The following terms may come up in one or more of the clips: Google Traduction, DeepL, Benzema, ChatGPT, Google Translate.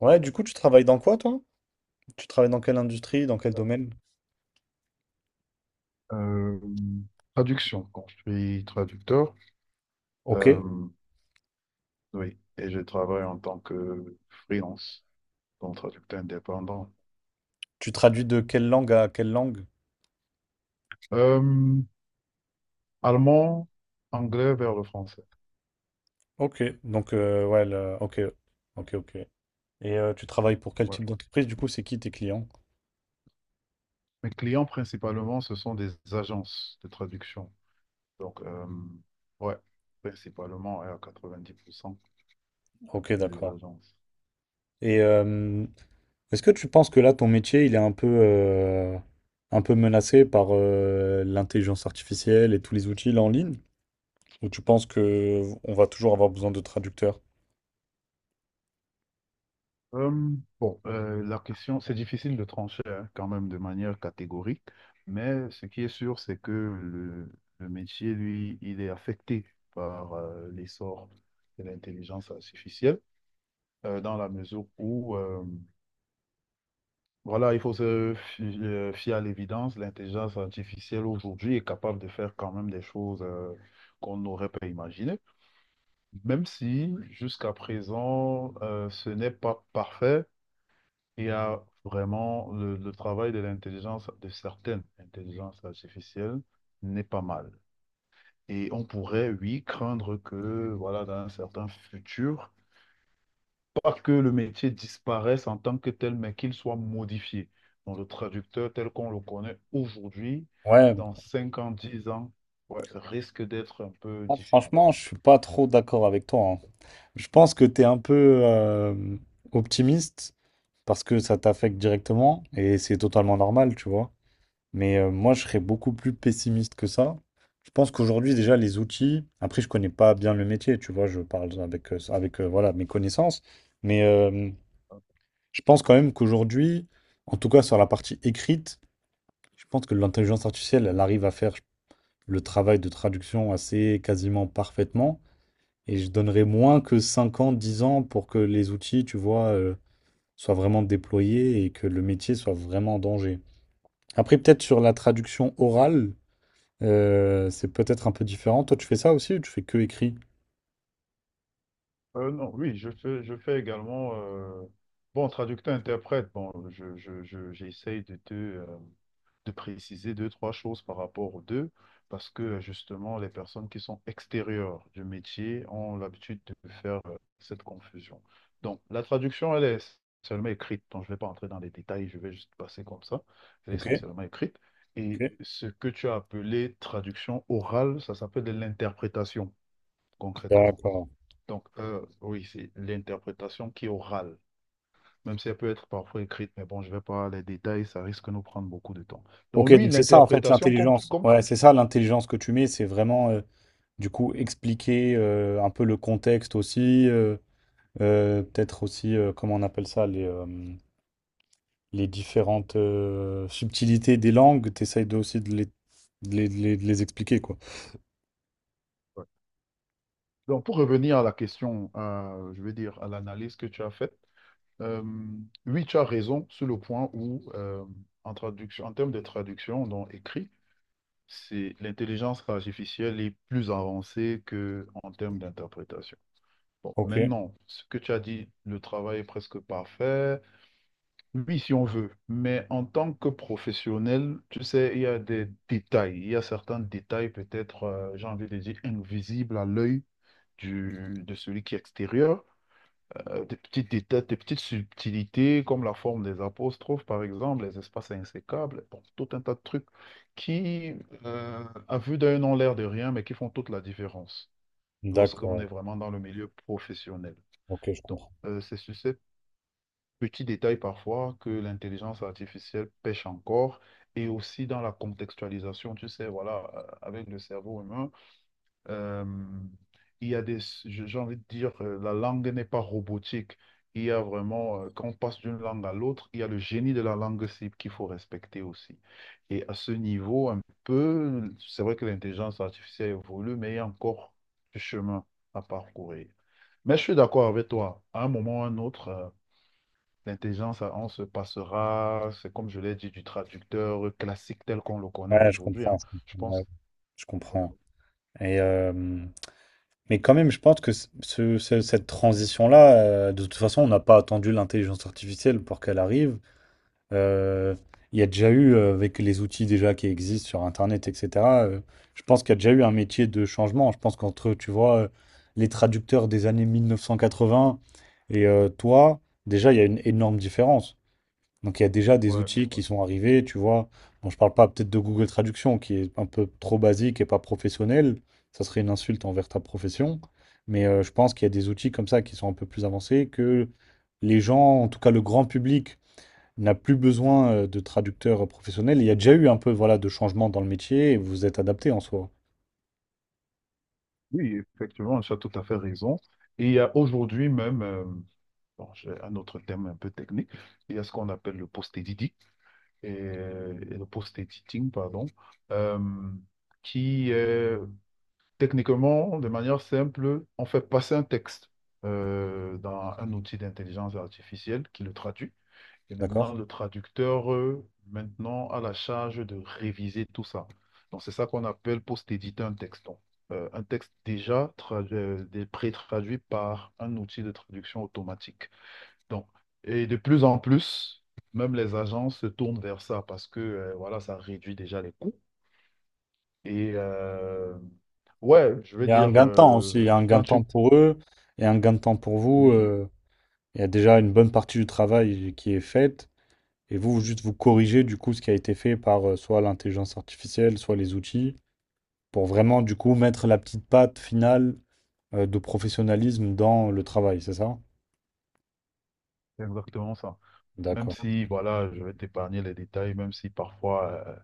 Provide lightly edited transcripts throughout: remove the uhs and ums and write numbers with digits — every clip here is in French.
Ouais, du coup, tu travailles dans quoi, toi? Tu travailles dans quelle industrie, dans quel domaine? Euh, Traduction. Bon, je suis traducteur. Ok. Euh, oui, et je travaille en tant que freelance, donc traducteur indépendant. Tu traduis de quelle langue à quelle langue? Euh, Allemand, anglais vers le français. Ok. Donc, ouais, ok. Ok, ok. Et tu travailles pour quel Ouais. type d'entreprise? Du coup, c'est qui tes clients? Mes clients principalement, ce sont des agences de traduction. Donc, ouais, principalement ouais, à 90%, Ok, c'est des d'accord. agences. Et est-ce que tu penses que là, ton métier, il est un peu menacé par l'intelligence artificielle et tous les outils là en ligne? Ou tu penses que on va toujours avoir besoin de traducteurs? Bon, la question, c'est difficile de trancher hein, quand même de manière catégorique, mais ce qui est sûr, c'est que le métier, lui, il est affecté par l'essor de l'intelligence artificielle, dans la mesure où, voilà, il faut se fier à l'évidence, l'intelligence artificielle aujourd'hui est capable de faire quand même des choses qu'on n'aurait pas imaginées, même si jusqu'à présent, ce n'est pas parfait. Il y a vraiment le travail de l'intelligence, de certaines intelligences artificielles n'est pas mal. Et on pourrait, oui, craindre que, voilà, dans un certain futur, pas que le métier disparaisse en tant que tel, mais qu'il soit modifié. Donc, le traducteur tel qu'on le connaît aujourd'hui, Ouais. dans 5 ans, 10 ans, ouais, risque d'être un peu Ah, différent. franchement, je suis pas trop d'accord avec toi. Je pense que tu es un peu optimiste parce que ça t'affecte directement et c'est totalement normal, tu vois. Mais moi, je serais beaucoup plus pessimiste que ça. Je pense qu'aujourd'hui, déjà, les outils, après, je connais pas bien le métier, tu vois, je parle avec, avec voilà, mes connaissances. Mais je pense quand même qu'aujourd'hui, en tout cas sur la partie écrite, je pense que l'intelligence artificielle, elle arrive à faire le travail de traduction assez quasiment parfaitement. Et je donnerais moins que 5 ans, 10 ans pour que les outils, tu vois, soient vraiment déployés et que le métier soit vraiment en danger. Après, peut-être sur la traduction orale, c'est peut-être un peu différent. Toi, tu fais ça aussi ou tu fais que écrit? Non, oui, je fais également, bon, traducteur-interprète, bon, j'essaye de te, de préciser deux, trois choses par rapport aux deux, parce que justement, les personnes qui sont extérieures du métier ont l'habitude de faire cette confusion. Donc, la traduction, elle est seulement écrite, donc je ne vais pas entrer dans les détails, je vais juste passer comme ça, elle est Ok, essentiellement écrite. Et ok. ce que tu as appelé traduction orale, ça s'appelle de l'interprétation, concrètement. D'accord. Donc, oui, c'est l'interprétation qui est orale, même si elle peut être parfois écrite, mais bon, je ne vais pas les détails, ça risque de nous prendre beaucoup de temps. Donc, Ok, oui, donc c'est ça en fait l'interprétation, comme, tu- l'intelligence. comme, tu- Ouais, c'est ça l'intelligence que tu mets, c'est vraiment du coup expliquer un peu le contexte aussi. Peut-être aussi, comment on appelle ça, les différentes subtilités des langues, t'essayes de, aussi de les, de les expliquer, quoi. Ouais. Donc, pour revenir à la question, je veux dire, à l'analyse que tu as faite, euh, oui, tu as raison sur le point où, en traduction, en termes de traduction, donc écrit, c'est l'intelligence artificielle est plus avancée que en termes d'interprétation. Bon, Ok. maintenant, ce que tu as dit, le travail est presque parfait. Oui, si on veut, mais en tant que professionnel, tu sais, il y a des détails, il y a certains détails peut-être, j'ai envie de dire, invisibles à l'œil du, de celui qui est extérieur des petites détails, des petites subtilités comme la forme des apostrophes, par exemple, les espaces insécables, bon, tout un tas de trucs qui, à vue d'œil, n'ont l'air de rien, mais qui font toute la différence lorsqu'on est D'accord, vraiment dans le milieu professionnel. ok, je Donc, comprends. C'est sur ces petits détails parfois que l'intelligence artificielle pêche encore, et aussi dans la contextualisation, tu sais, voilà, avec le cerveau humain. Euh, il y a des, j'ai envie de dire, la langue n'est pas robotique. Il y a vraiment, quand on passe d'une langue à l'autre, il y a le génie de la langue cible qu'il faut respecter aussi. Et à ce niveau, un peu, c'est vrai que l'intelligence artificielle évolue, mais il y a encore du chemin à parcourir. Mais je suis d'accord avec toi. À un moment ou à un autre, l'intelligence, on se passera, c'est comme je l'ai dit, du traducteur classique tel qu'on le connaît Ouais, aujourd'hui, hein. je Je comprends. Ouais, pense. je Ouais, comprends. Et, mais quand même, je pense que cette transition-là, de toute façon, on n'a pas attendu l'intelligence artificielle pour qu'elle arrive. Euh, il y a déjà eu, avec les outils déjà qui existent sur Internet, etc., je pense qu'il y a déjà eu un métier de changement. Je pense qu'entre, tu vois, les traducteurs des années 1980 et toi, déjà, il y a une énorme différence. Donc, il y a déjà des ouais. outils Ouais. qui sont arrivés, tu vois. Bon, je parle pas peut-être de Google Traduction, qui est un peu trop basique et pas professionnel. Ça serait une insulte envers ta profession. Mais je pense qu'il y a des outils comme ça qui sont un peu plus avancés que les gens, en tout cas le grand public, n'a plus besoin de traducteurs professionnels. Il y a déjà eu un peu voilà, de changement dans le métier et vous vous êtes adapté en soi. Oui, effectivement, tu as tout à fait raison. Et il y a aujourd'hui même, bon, j'ai un autre terme un peu technique, il y a ce qu'on appelle le post-editing, et le post-editing, pardon, euh, qui est techniquement, de manière simple, on fait passer un texte dans un outil d'intelligence artificielle qui le traduit. Et maintenant, D'accord? le traducteur, maintenant, a la charge de réviser tout ça. Donc, c'est ça qu'on appelle post-éditer un texte. Donc, un texte déjà pré-traduit par un outil de traduction automatique. Donc, et de plus en plus, même les agences se tournent vers ça parce que voilà, ça réduit déjà les coûts. Et ouais, je Il veux y a un dire, gain de temps aussi. Il y a un gain quand de temps tu... pour eux et un gain de temps pour vous. Oui, Il y a déjà une bonne partie du travail qui est faite et vous, vous juste vous corrigez du coup ce qui a été fait par soit l'intelligence artificielle, soit les outils pour vraiment du coup mettre la petite patte finale de professionnalisme dans le travail, c'est ça? c'est exactement ça. Même D'accord. si, voilà, je vais t'épargner les détails, même si parfois...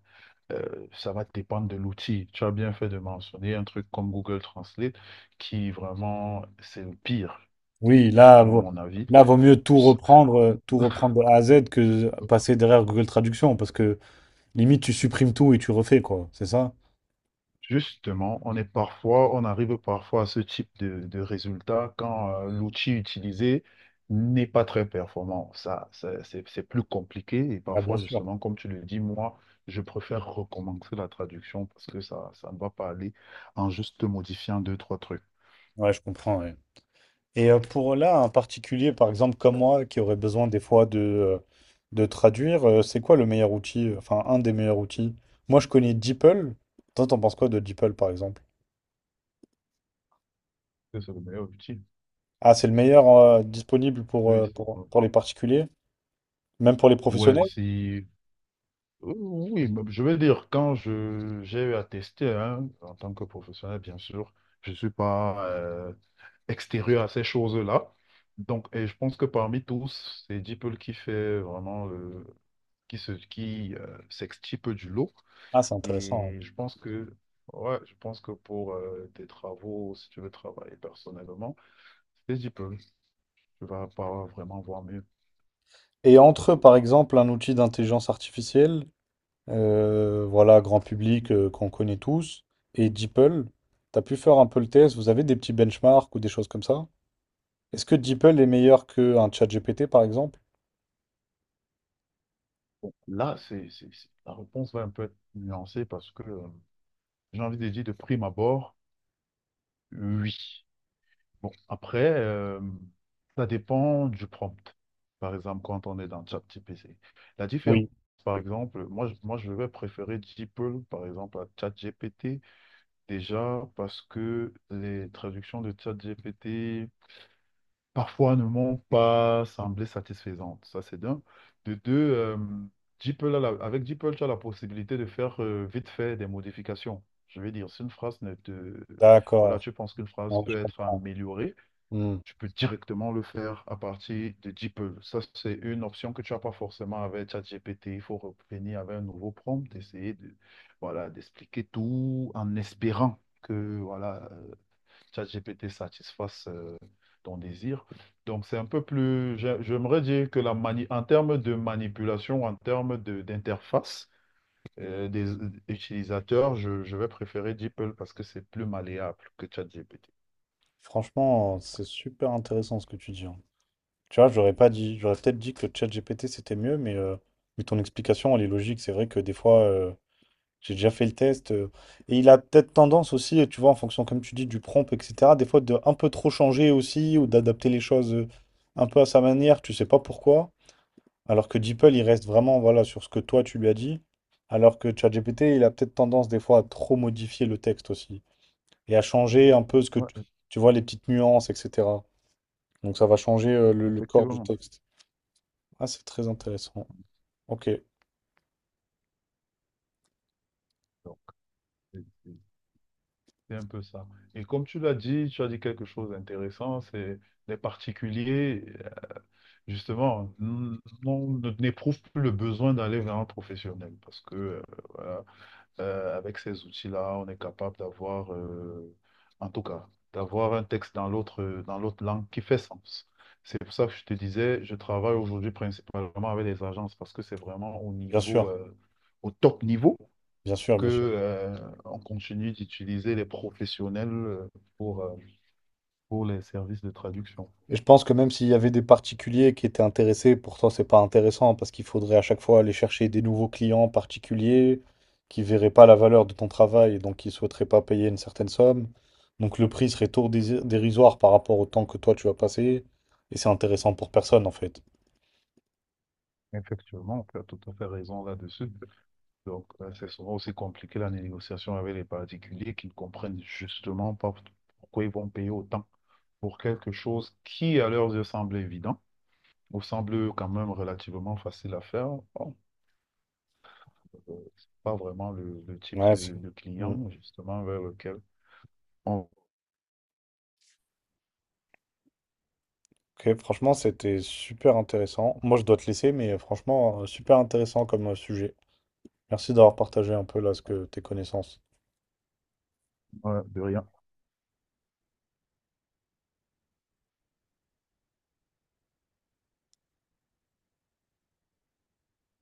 Ça va dépendre de l'outil. Tu as bien fait de mentionner un truc comme Google Translate qui vraiment, c'est le pire, Oui, si tu veux mon avis. là, vaut mieux tout reprendre de A à Z que passer derrière Google Traduction, parce que limite, tu supprimes tout et tu refais, quoi. C'est ça? Justement, on est parfois, on arrive parfois à ce type de résultat quand l'outil utilisé n'est pas très performant. Ça, c'est plus compliqué et Ah, bien parfois, sûr. justement, comme tu le dis, moi, je préfère recommencer la traduction parce que ça ne va pas aller en juste modifiant deux, trois trucs. Ouais, je comprends, ouais. Et pour là, un particulier, par exemple, comme moi, qui aurait besoin des fois de traduire, c'est quoi le meilleur outil, enfin, un des meilleurs outils? Moi, je connais DeepL. Toi, t'en penses quoi de DeepL, par exemple? C'est le meilleur outil. Ah, c'est le meilleur disponible Oui. Pour les particuliers, même pour les Ouais, professionnels? c'est... Oui, bah, je veux dire, quand je j'ai eu à tester, hein, en tant que professionnel, bien sûr, je ne suis pas extérieur à ces choses-là. Donc, et je pense que parmi tous, c'est DeepL qui fait vraiment le... qui s'extirpe du lot. Ah, c'est intéressant. Ouais. Et je pense que ouais, je pense que pour tes travaux, si tu veux travailler personnellement, c'est DeepL. Tu vas pas vraiment voir mieux. Et entre, eux, par exemple, un outil d'intelligence artificielle, voilà, grand public qu'on connaît tous, et DeepL, t'as pu faire un peu le test, vous avez des petits benchmarks ou des choses comme ça? Est-ce que DeepL est meilleur qu'un ChatGPT, par exemple? Bon, là, la réponse va un peu être nuancée parce que. J'ai envie de dire de prime abord, oui. Bon, après, ça dépend du prompt. Par exemple, quand on est dans ChatGPT. La différence, Oui. par exemple, moi, moi je vais préférer DeepL, par exemple, à ChatGPT, déjà parce que les traductions de ChatGPT parfois ne m'ont pas semblé satisfaisantes. Ça, c'est d'un. De deux, DeepL avec DeepL, tu as la possibilité de faire vite fait des modifications. Je veux dire, si une phrase ne te... Voilà, D'accord. tu penses qu'une phrase Ouais, peut je être comprends. améliorée, Hmm. tu peux directement le faire à partir de DeepL. Ça, c'est une option que tu n'as pas forcément avec ChatGPT. Il faut revenir avec un nouveau prompt, essayer de, voilà, d'expliquer tout en espérant que, voilà, ChatGPT satisfasse ton désir. Donc, c'est un peu plus, j'aimerais dire que en termes de manipulation, en termes d'interface des utilisateurs, je vais préférer DeepL parce que c'est plus malléable que ChatGPT. Franchement, c'est super intéressant ce que tu dis, hein. Tu vois, j'aurais pas dit, j'aurais peut-être dit que ChatGPT c'était mieux, mais ton explication, elle est logique. C'est vrai que des fois, j'ai déjà fait le test. Et il a peut-être tendance aussi, tu vois, en fonction, comme tu dis, du prompt, etc., des fois de un peu trop changer aussi, ou d'adapter les choses un peu à sa manière, tu sais pas pourquoi. Alors que DeepL, il reste vraiment, voilà, sur ce que toi, tu lui as dit. Alors que ChatGPT, il a peut-être tendance des fois à trop modifier le texte aussi. Et à changer un peu ce que tu, Ouais, tu vois, les petites nuances, etc. Donc ça va changer le corps du effectivement. texte. Ah, c'est très intéressant. Ok, Donc, c'est c'est- c'est un peu ça. Et comme tu l'as dit, tu as dit quelque chose d'intéressant, c'est les particuliers, justement, n'éprouvent plus le besoin d'aller vers un professionnel parce que voilà, avec ces outils-là, on est capable d'avoir, en tout cas, d'avoir un texte dans l'autre langue qui fait sens. C'est pour ça que je te disais, je travaille aujourd'hui principalement avec les agences parce que c'est vraiment au bien niveau, sûr, au top niveau que, bien sûr. On continue d'utiliser les professionnels pour, euh, pour les services de traduction. Et je pense que même s'il y avait des particuliers qui étaient intéressés, pour toi, c'est pas intéressant parce qu'il faudrait à chaque fois aller chercher des nouveaux clients particuliers qui verraient pas la valeur de ton travail et donc qui souhaiteraient pas payer une certaine somme. Donc le prix serait tout dérisoire par rapport au temps que toi tu vas passer et c'est intéressant pour personne en fait. Effectivement, tu as tout à fait raison là-dessus. Donc, c'est souvent aussi compliqué la négociation avec les particuliers qui ne comprennent justement pas pourquoi ils vont payer autant pour quelque chose qui, à leurs yeux, semble évident ou semble quand même relativement facile à faire. Bon, c'est pas vraiment le type Ouais, c'est- de Mm. client, justement, vers lequel on Ok, franchement, c'était super intéressant. Moi, je dois te laisser, mais franchement, super intéressant comme sujet. Merci d'avoir partagé un peu là ce que tes connaissances. va de rien.